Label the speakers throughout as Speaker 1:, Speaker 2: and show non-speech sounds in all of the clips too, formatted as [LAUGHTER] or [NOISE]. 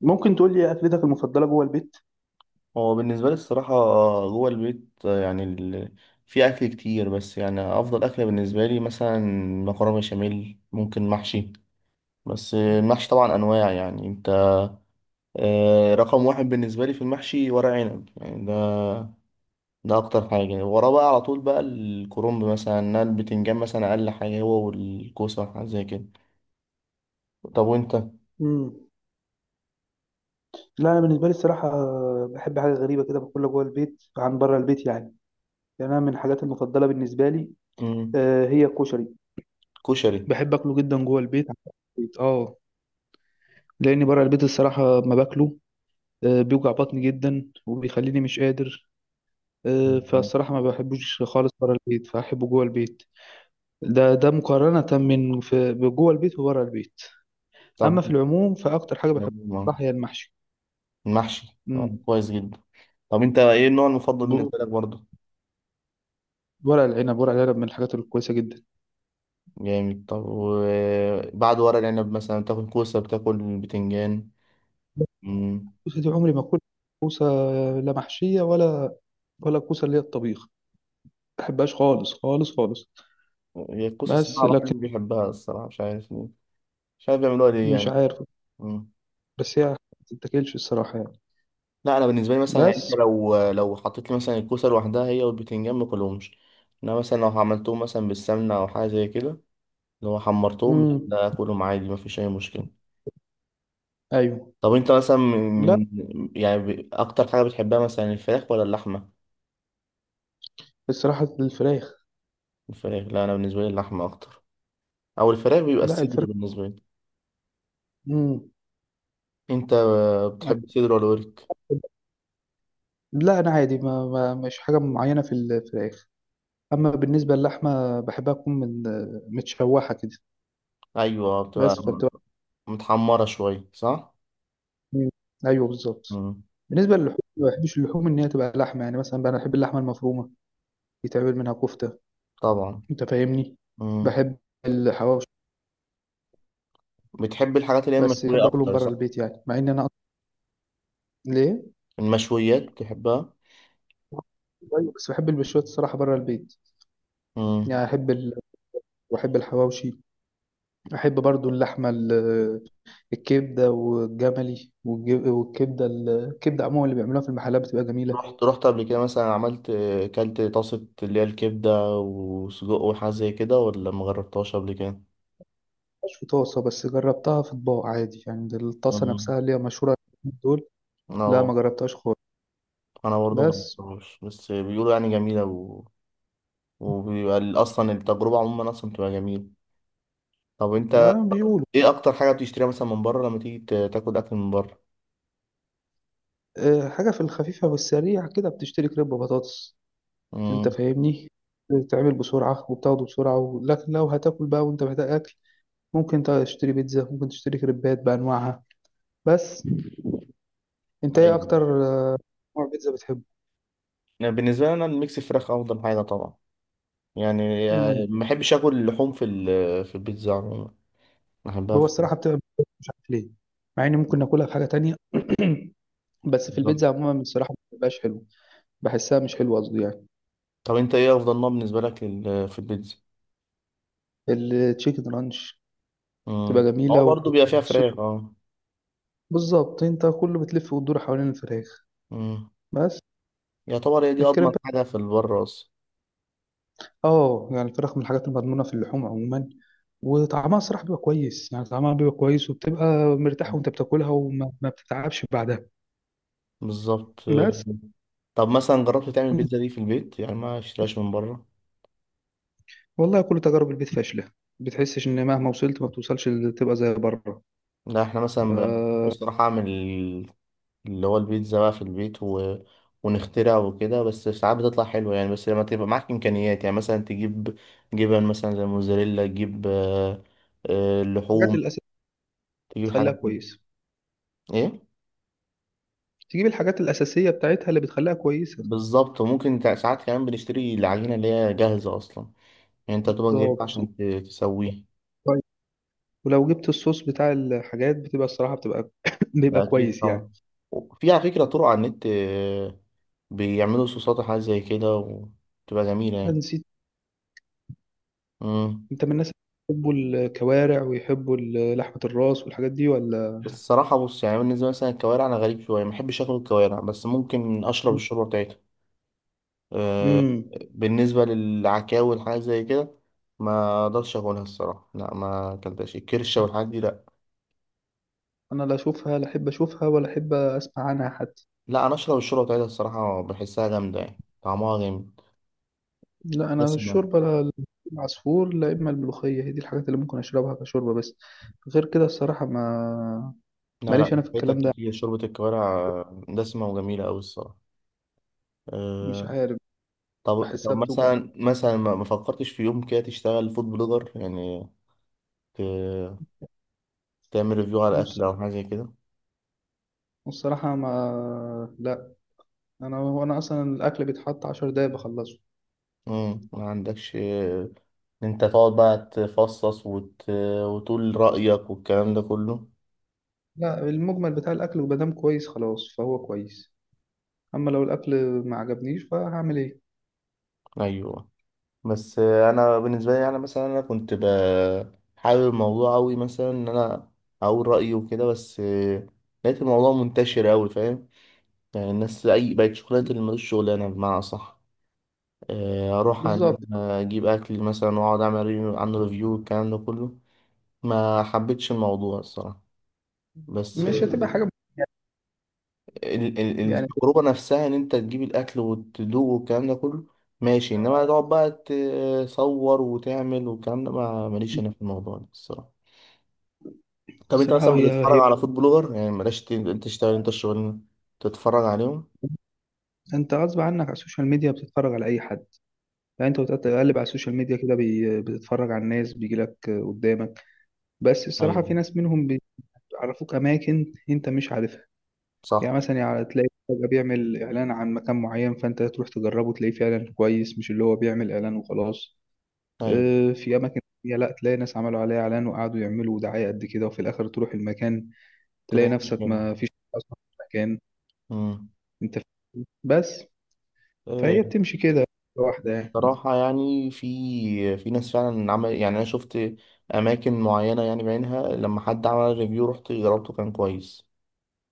Speaker 1: ممكن تقول لي اكلتك المفضله جوه البيت؟
Speaker 2: هو بالنسبة لي الصراحة، جوه البيت يعني في أكل كتير، بس يعني أفضل أكلة بالنسبة لي مثلا مكرونة بشاميل، ممكن محشي. بس المحشي طبعا أنواع يعني أنت رقم واحد بالنسبة لي في المحشي ورق عنب، يعني ده أكتر حاجة وراه، بقى على طول بقى الكرنب مثلا، إنها البتنجان مثلا أقل حاجة، هو والكوسة حاجة زي كده. طب وأنت؟
Speaker 1: امم لا، انا بالنسبه لي الصراحه بحب حاجه غريبه كده باكلها جوه البيت عن بره البيت يعني. يعني انا من الحاجات المفضله بالنسبه لي،
Speaker 2: مم.
Speaker 1: هي الكشري.
Speaker 2: كشري.
Speaker 1: بحب اكله جدا جوه البيت عن بره البيت. اه لان بره البيت الصراحه ما باكله. بيوجع بطني جدا وبيخليني مش قادر.
Speaker 2: مم.
Speaker 1: فالصراحه ما بحبوش خالص بره البيت، فاحبه جوه البيت. ده مقارنه من في جوه البيت وبره البيت.
Speaker 2: طب،
Speaker 1: اما في العموم، فاكتر حاجه بحبها الصراحه هي المحشي.
Speaker 2: المحشي
Speaker 1: امم
Speaker 2: كويس جدا. طب أنت إيه النوع المفضل بالنسبة لك برضه؟
Speaker 1: ورق العنب، ورق العنب من الحاجات الكويسة جدا.
Speaker 2: جامد. طب وبعد ورق العنب مثلا بتاكل كوسة، بتاكل بتنجان؟ مم.
Speaker 1: الكوسة دي عمري ما أكل كوسة، لا محشية ولا كوسة اللي هي الطبيخ. ما بحبهاش خالص خالص خالص.
Speaker 2: هي الكوسة
Speaker 1: بس
Speaker 2: صراحة محدش
Speaker 1: لكن
Speaker 2: بيحبها الصراحة، مش عارف ليه. مش عارف بيعملوها ليه
Speaker 1: مش
Speaker 2: يعني.
Speaker 1: عارف.
Speaker 2: مم.
Speaker 1: بس هي ما تتاكلش الصراحة يعني.
Speaker 2: لا أنا بالنسبة لي مثلا، يعني أنت
Speaker 1: بس.
Speaker 2: لو حطيت لي مثلا الكوسة لوحدها هي والبتنجان، ماكلهمش. إنما مثلا لو عملتهم مثلا بالسمنة أو حاجة زي كده، لو حمرتهم، لا
Speaker 1: مم.
Speaker 2: ده آكلهم عادي، مفيش أي مشكلة.
Speaker 1: أيوه.
Speaker 2: طب أنت مثلا
Speaker 1: لا،
Speaker 2: يعني أكتر حاجة بتحبها مثلا، الفراخ ولا اللحمة؟
Speaker 1: الصراحة الفراخ.
Speaker 2: الفراخ؟ لا أنا بالنسبة لي اللحمة أكتر، أو الفراخ بيبقى
Speaker 1: لا،
Speaker 2: الصدر
Speaker 1: الفراخ.
Speaker 2: بالنسبة لي.
Speaker 1: مم.
Speaker 2: انت بتحب صدر ولا ورك؟
Speaker 1: لا، أنا عادي، ما مش حاجة معينة في الفراخ. أما بالنسبة للحمة، بحبها تكون من متشوحة كده.
Speaker 2: ايوه، بتبقى
Speaker 1: بس.
Speaker 2: متحمره شويه صح.
Speaker 1: مم. ايوه بالظبط.
Speaker 2: مم.
Speaker 1: بالنسبه للحوم، ما بحبش اللحوم ان هي تبقى لحمه، يعني مثلا بقى انا بحب اللحمه المفرومه يتعمل منها كفته.
Speaker 2: طبعا.
Speaker 1: انت فاهمني.
Speaker 2: مم.
Speaker 1: بحب الحواوشي.
Speaker 2: بتحب الحاجات اللي هي
Speaker 1: بس
Speaker 2: المشويه
Speaker 1: بحب اكلهم
Speaker 2: اكتر
Speaker 1: بره
Speaker 2: صح؟
Speaker 1: البيت، يعني مع ان انا أصلاً ليه.
Speaker 2: المشويات بتحبها.
Speaker 1: أيوة، بس بحب البشوات الصراحه بره البيت.
Speaker 2: مم.
Speaker 1: يعني احب ال... واحب الحواوشي. احب برضو اللحمه الكبده والجملي والكبده الكبده عموما اللي بيعملوها في المحلات بتبقى جميله.
Speaker 2: رحت قبل كده مثلا، عملت، كلت طاسه اللي هي الكبده وسجق وحاجه زي كده، ولا ما جربتهاش قبل كده؟
Speaker 1: مش في طاسه، بس جربتها في اطباق عادي يعني، ده الطاسه
Speaker 2: مم.
Speaker 1: نفسها اللي هي مشهوره. دول. لا،
Speaker 2: انا
Speaker 1: ما جربتهاش خالص.
Speaker 2: انا برضه ما
Speaker 1: بس،
Speaker 2: جربتهاش، بس بيقولوا يعني جميله وبيبقى اصلا التجربه عموما، اصلا بتبقى جميله. طب انت
Speaker 1: آه، بيقولوا.
Speaker 2: ايه اكتر حاجه بتشتريها مثلا من بره، لما تيجي تاكل اكل من بره؟
Speaker 1: آه، حاجة في الخفيفة والسريع كده بتشتري كريب بطاطس. أنت
Speaker 2: امم
Speaker 1: فاهمني. بتتعمل بسرعة وبتاخده بسرعة، و... لكن لو هتاكل بقى وأنت محتاج أكل، ممكن تشتري بيتزا، ممكن تشتري كريبات بأنواعها. بس أنت إيه
Speaker 2: طيب،
Speaker 1: أكتر آه، نوع بيتزا بتحبه؟
Speaker 2: أنا بالنسبه لي انا الميكس فراخ افضل حاجه طبعا. يعني
Speaker 1: مم.
Speaker 2: ما بحبش اكل اللحوم في البيتزا عموما. بحبها
Speaker 1: هو
Speaker 2: في
Speaker 1: الصراحة بتبقى مش عارف ليه، مع إني ممكن ناكلها في حاجة تانية [CLEARS THROAT] بس في
Speaker 2: البيتزا.
Speaker 1: البيتزا عموما الصراحة ما بتبقاش حلوة. بحسها مش حلوة قصدي يعني.
Speaker 2: طب انت ايه افضل نوع بالنسبه لك في البيتزا؟
Speaker 1: التشيكن رانش تبقى
Speaker 2: هو
Speaker 1: جميلة،
Speaker 2: برضه بيبقى فيها
Speaker 1: والصوص
Speaker 2: فراخ، اه.
Speaker 1: بالظبط. انت كله بتلف وتدور حوالين الفراخ.
Speaker 2: امم
Speaker 1: بس
Speaker 2: يعتبر هي دي اضمن
Speaker 1: الكريب.
Speaker 2: حاجه في البره اصلا.
Speaker 1: اه، يعني الفراخ من الحاجات المضمونة في اللحوم عموما، وطعمها الصراحة بيبقى كويس، يعني طعمها بيبقى كويس وبتبقى مرتاح
Speaker 2: مم.
Speaker 1: وانت بتاكلها وما ما بتتعبش بعدها.
Speaker 2: بالظبط.
Speaker 1: بس،
Speaker 2: طب مثلا جربت تعمل البيتزا دي في البيت يعني، ما اشتريهاش من بره؟
Speaker 1: والله كل تجارب البيت فاشلة. بتحسش ان مهما وصلت ما بتوصلش تبقى زي بره.
Speaker 2: لا احنا مثلا بصراحه اعمل اللي هو البيتزا بقى في البيت ونخترع وكده، بس ساعات بتطلع حلوة يعني، بس لما تبقى معاك إمكانيات، يعني مثلا تجيب جبن مثلا زي موزاريلا، تجيب
Speaker 1: الحاجات
Speaker 2: لحوم،
Speaker 1: الأساسية
Speaker 2: تجيب حاجات
Speaker 1: بتخليها
Speaker 2: دي.
Speaker 1: كويسة.
Speaker 2: إيه
Speaker 1: تجيب الحاجات الأساسية بتاعتها اللي بتخليها كويسة.
Speaker 2: بالظبط. وممكن ساعات كمان بنشتري العجينة اللي هي جاهزة أصلا، يعني أنت تبقى جايبها
Speaker 1: بالظبط.
Speaker 2: عشان تسويه.
Speaker 1: ولو جبت الصوص بتاع الحاجات بتبقى الصراحة بتبقى [COUGHS]
Speaker 2: ده
Speaker 1: بيبقى
Speaker 2: أكيد
Speaker 1: كويس يعني.
Speaker 2: طبعا. في على فكرة طرق على النت، بيعملوا صوصات وحاجات زي كده وتبقى جميلة يعني.
Speaker 1: نسيت.
Speaker 2: مم.
Speaker 1: انت من الناس اللي بيحبوا الكوارع ويحبوا لحمة الراس والحاجات دي ولا؟
Speaker 2: بس الصراحة بص، يعني بالنسبة مثلا الكوارع أنا غريب شوية، ما بحبش آكل الكوارع، بس ممكن أشرب الشوربة بتاعتها. أه.
Speaker 1: امم
Speaker 2: بالنسبة للعكاوي والحاجات زي كده، ما أقدرش أكلها الصراحة، لا ما أكلتهاش، الكرشة والحاجات دي لا.
Speaker 1: انا لا اشوفها، لا احب اشوفها ولا احب اسمع عنها حتى.
Speaker 2: لا أنا أشرب الشوربة بتاعتها الصراحة، بحسها جامدة يعني طعمها جامد،
Speaker 1: لا، انا
Speaker 2: دسمة.
Speaker 1: الشوربة لا. العصفور لا، اما الملوخية هي دي الحاجات اللي ممكن اشربها كشوربة بس. غير كده الصراحة ما
Speaker 2: لا
Speaker 1: ماليش
Speaker 2: لا،
Speaker 1: انا في الكلام
Speaker 2: فايتك
Speaker 1: ده.
Speaker 2: كتير شوربة الكوارع، دسمة وجميلة أوي الصراحة.
Speaker 1: مش
Speaker 2: أه.
Speaker 1: عارف،
Speaker 2: طب
Speaker 1: بحسها بتوجع.
Speaker 2: مثلا، ما فكرتش في يوم كده تشتغل فود بلوجر يعني، ت- تعمل ريفيو على
Speaker 1: والص-
Speaker 2: أكل أو حاجة زي كده؟
Speaker 1: والصراحة ما لا، انا اصلا الاكل بيتحط 10 دقايق بخلصه.
Speaker 2: مم. ما عندكش ان انت تقعد بقى تفصص وتقول رأيك والكلام ده كله؟
Speaker 1: لا، المجمل بتاع الاكل وبدام كويس خلاص فهو كويس. اما لو الاكل ما عجبنيش فهعمل ايه؟
Speaker 2: ايوه. بس انا بالنسبة لي، انا مثلا انا كنت حابب الموضوع اوي، مثلا ان انا اقول رأيي وكده، بس لقيت الموضوع منتشر اوي فاهم، يعني الناس اي بقت شغلانة اللي ملوش شغلانة بمعنى صح، اروح ان
Speaker 1: بالظبط.
Speaker 2: انا اجيب اكل مثلا واقعد اعمل ريفيو عن ريفيو والكلام ده كله. ما حبيتش الموضوع الصراحة. بس
Speaker 1: مش هتبقى حاجه يعني.
Speaker 2: التجربة نفسها إن أنت تجيب الأكل وتدوق والكلام ده كله، ماشي. إنما تقعد بقى تصور وتعمل والكلام ده، ما ماليش أنا في الموضوع ده الصراحة. طب أنت
Speaker 1: صراحه
Speaker 2: مثلا
Speaker 1: هي
Speaker 2: بتتفرج
Speaker 1: هي
Speaker 2: على فود بلوجر؟ يعني بلاش أنت تشتغل، أنت الشغل تتفرج عليهم.
Speaker 1: انت غصب عنك على السوشيال ميديا بتتفرج على اي حد. يعني انت بتقلب على السوشيال ميديا كده بتتفرج على الناس بيجي لك قدامك. بس
Speaker 2: أيوة.
Speaker 1: الصراحه في ناس منهم بيعرفوك اماكن انت مش عارفها. يعني
Speaker 2: صح.
Speaker 1: مثلا يعني تلاقي فجأة بيعمل إعلان عن مكان معين فأنت تروح تجربه تلاقيه فعلا كويس، مش اللي هو بيعمل إعلان وخلاص.
Speaker 2: أيوة.
Speaker 1: في أماكن تانية لا، تلاقي ناس عملوا عليها إعلان وقعدوا يعملوا دعاية قد كده وفي الآخر تروح المكان تلاقي
Speaker 2: تلاقي
Speaker 1: نفسك
Speaker 2: مشكلة.
Speaker 1: ما فيش اصلا مكان
Speaker 2: أمم.
Speaker 1: انت فيه. بس
Speaker 2: آه،
Speaker 1: فهي بتمشي كده لوحدها يعني.
Speaker 2: صراحة يعني في ناس فعلا عمل، يعني أنا شفت أماكن معينة يعني بعينها، لما حد عمل ريفيو رحت جربته كان كويس،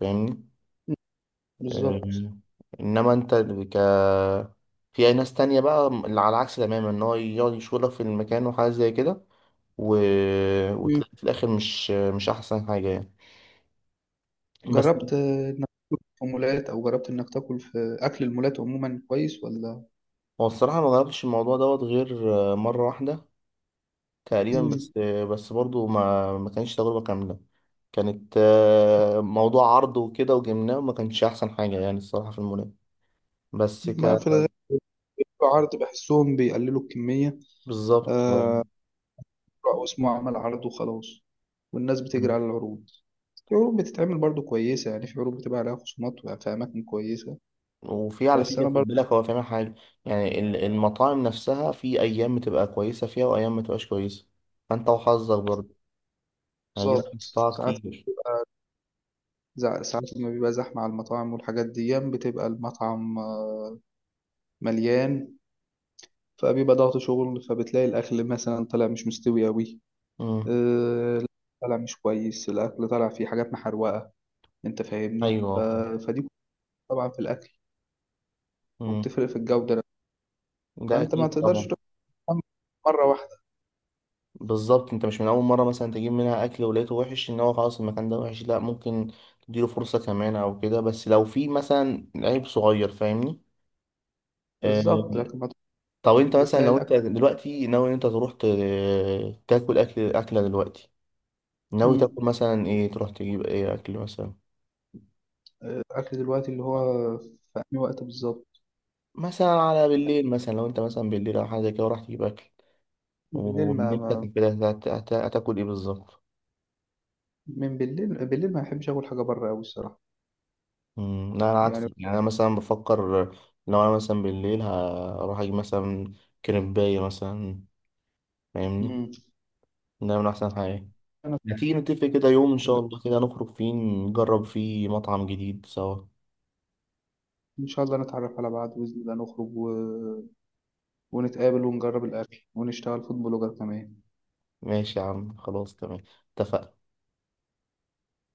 Speaker 2: فاهمني.
Speaker 1: مم. بالظبط.
Speaker 2: أمم. انما انت ك في ناس تانية بقى اللي على العكس تماما، ان هو يقعد يشغلك في المكان وحاجات زي كده، و...
Speaker 1: مم.
Speaker 2: وتلاقي في الاخر مش احسن حاجة يعني. بس
Speaker 1: جربت انك تاكل في مولات، او جربت انك تاكل في اكل المولات عموما كويس ولا؟
Speaker 2: هو الصراحة ما جربتش الموضوع دوت غير مرة واحدة تقريبا،
Speaker 1: مم.
Speaker 2: بس برضو ما كانش تجربة كاملة. كانت موضوع عرض وكده وجبناه وما كانش احسن حاجة يعني الصراحة في المولات، بس ك
Speaker 1: ما في الغالب عرض بحسهم بيقللوا الكمية.
Speaker 2: بالظبط آه.
Speaker 1: آه، أو اسمه عمل عرض وخلاص، والناس بتجري على العروض. في عروض بتتعمل برضو كويسة، يعني في عروض بتبقى عليها خصومات في أماكن كويسة.
Speaker 2: وفي على
Speaker 1: بس
Speaker 2: فكرة
Speaker 1: أنا
Speaker 2: خد
Speaker 1: برضو
Speaker 2: بالك، هو فاهم حاجة يعني، المطاعم نفسها في أيام بتبقى كويسة فيها وأيام ما تبقاش كويسة، فأنت وحظك برضه، يعني دي بقى
Speaker 1: بالظبط.
Speaker 2: قصتها
Speaker 1: ساعات،
Speaker 2: كتير.
Speaker 1: ساعات لما بيبقى زحمة على المطاعم والحاجات دي بتبقى المطعم مليان. فبيبقى ضغط شغل فبتلاقي الأكل مثلا طالع مش مستوي أوي.
Speaker 2: امم
Speaker 1: آه، طالع مش كويس الأكل، طالع فيه حاجات محروقة. أنت فاهمني
Speaker 2: أيوه فاهم.
Speaker 1: فدي طبعا في الأكل،
Speaker 2: امم
Speaker 1: وبتفرق في الجودة نفسها.
Speaker 2: ده
Speaker 1: فأنت ما
Speaker 2: أكيد
Speaker 1: تقدرش
Speaker 2: طبعا.
Speaker 1: تفهم مرة واحدة.
Speaker 2: بالظبط. أنت مش من أول مرة مثلا تجيب منها أكل ولقيته وحش إن هو خلاص المكان ده وحش، لأ، ممكن تديله فرصة كمان أو كده، بس لو في مثلا عيب صغير، فاهمني.
Speaker 1: بالظبط،
Speaker 2: آه،
Speaker 1: لكن ما
Speaker 2: طب أنت
Speaker 1: تكون
Speaker 2: مثلا
Speaker 1: بتلاقي
Speaker 2: لو أنت
Speaker 1: الأكل.
Speaker 2: دلوقتي ناوي إن أنت تروح تاكل أكل، أكلة دلوقتي، ناوي
Speaker 1: مم.
Speaker 2: تاكل مثلا ايه، تروح تجيب ايه اكل مثلا؟
Speaker 1: الأكل دلوقتي اللي هو في أي وقت بالظبط،
Speaker 2: مثلا على
Speaker 1: يعني
Speaker 2: بالليل مثلا، لو انت مثلا بالليل او حاجه زي كده وراح تجيب اكل،
Speaker 1: بالليل
Speaker 2: ونفسك كده، هتاكل ايه بالظبط؟
Speaker 1: من بالليل بالليل ما بحبش آكل حاجة بره أوي الصراحة
Speaker 2: مم، لا انا عكس
Speaker 1: يعني.
Speaker 2: يعني، انا مثلا بفكر لو انا مثلا بالليل، هروح اجيب مثلا كريبايه مثلا، فاهمني.
Speaker 1: مم.
Speaker 2: ده من احسن حاجه.
Speaker 1: أنا،
Speaker 2: ما تيجي نتفق كده يوم ان شاء الله، كده نخرج فيه، نجرب فيه مطعم جديد سوا.
Speaker 1: إن شاء الله نتعرف على بعض بإذن الله نخرج و... ونتقابل ونجرب الأكل ونشتغل فود بلوجر كمان.
Speaker 2: ماشي يا عم، خلاص تمام، اتفقنا.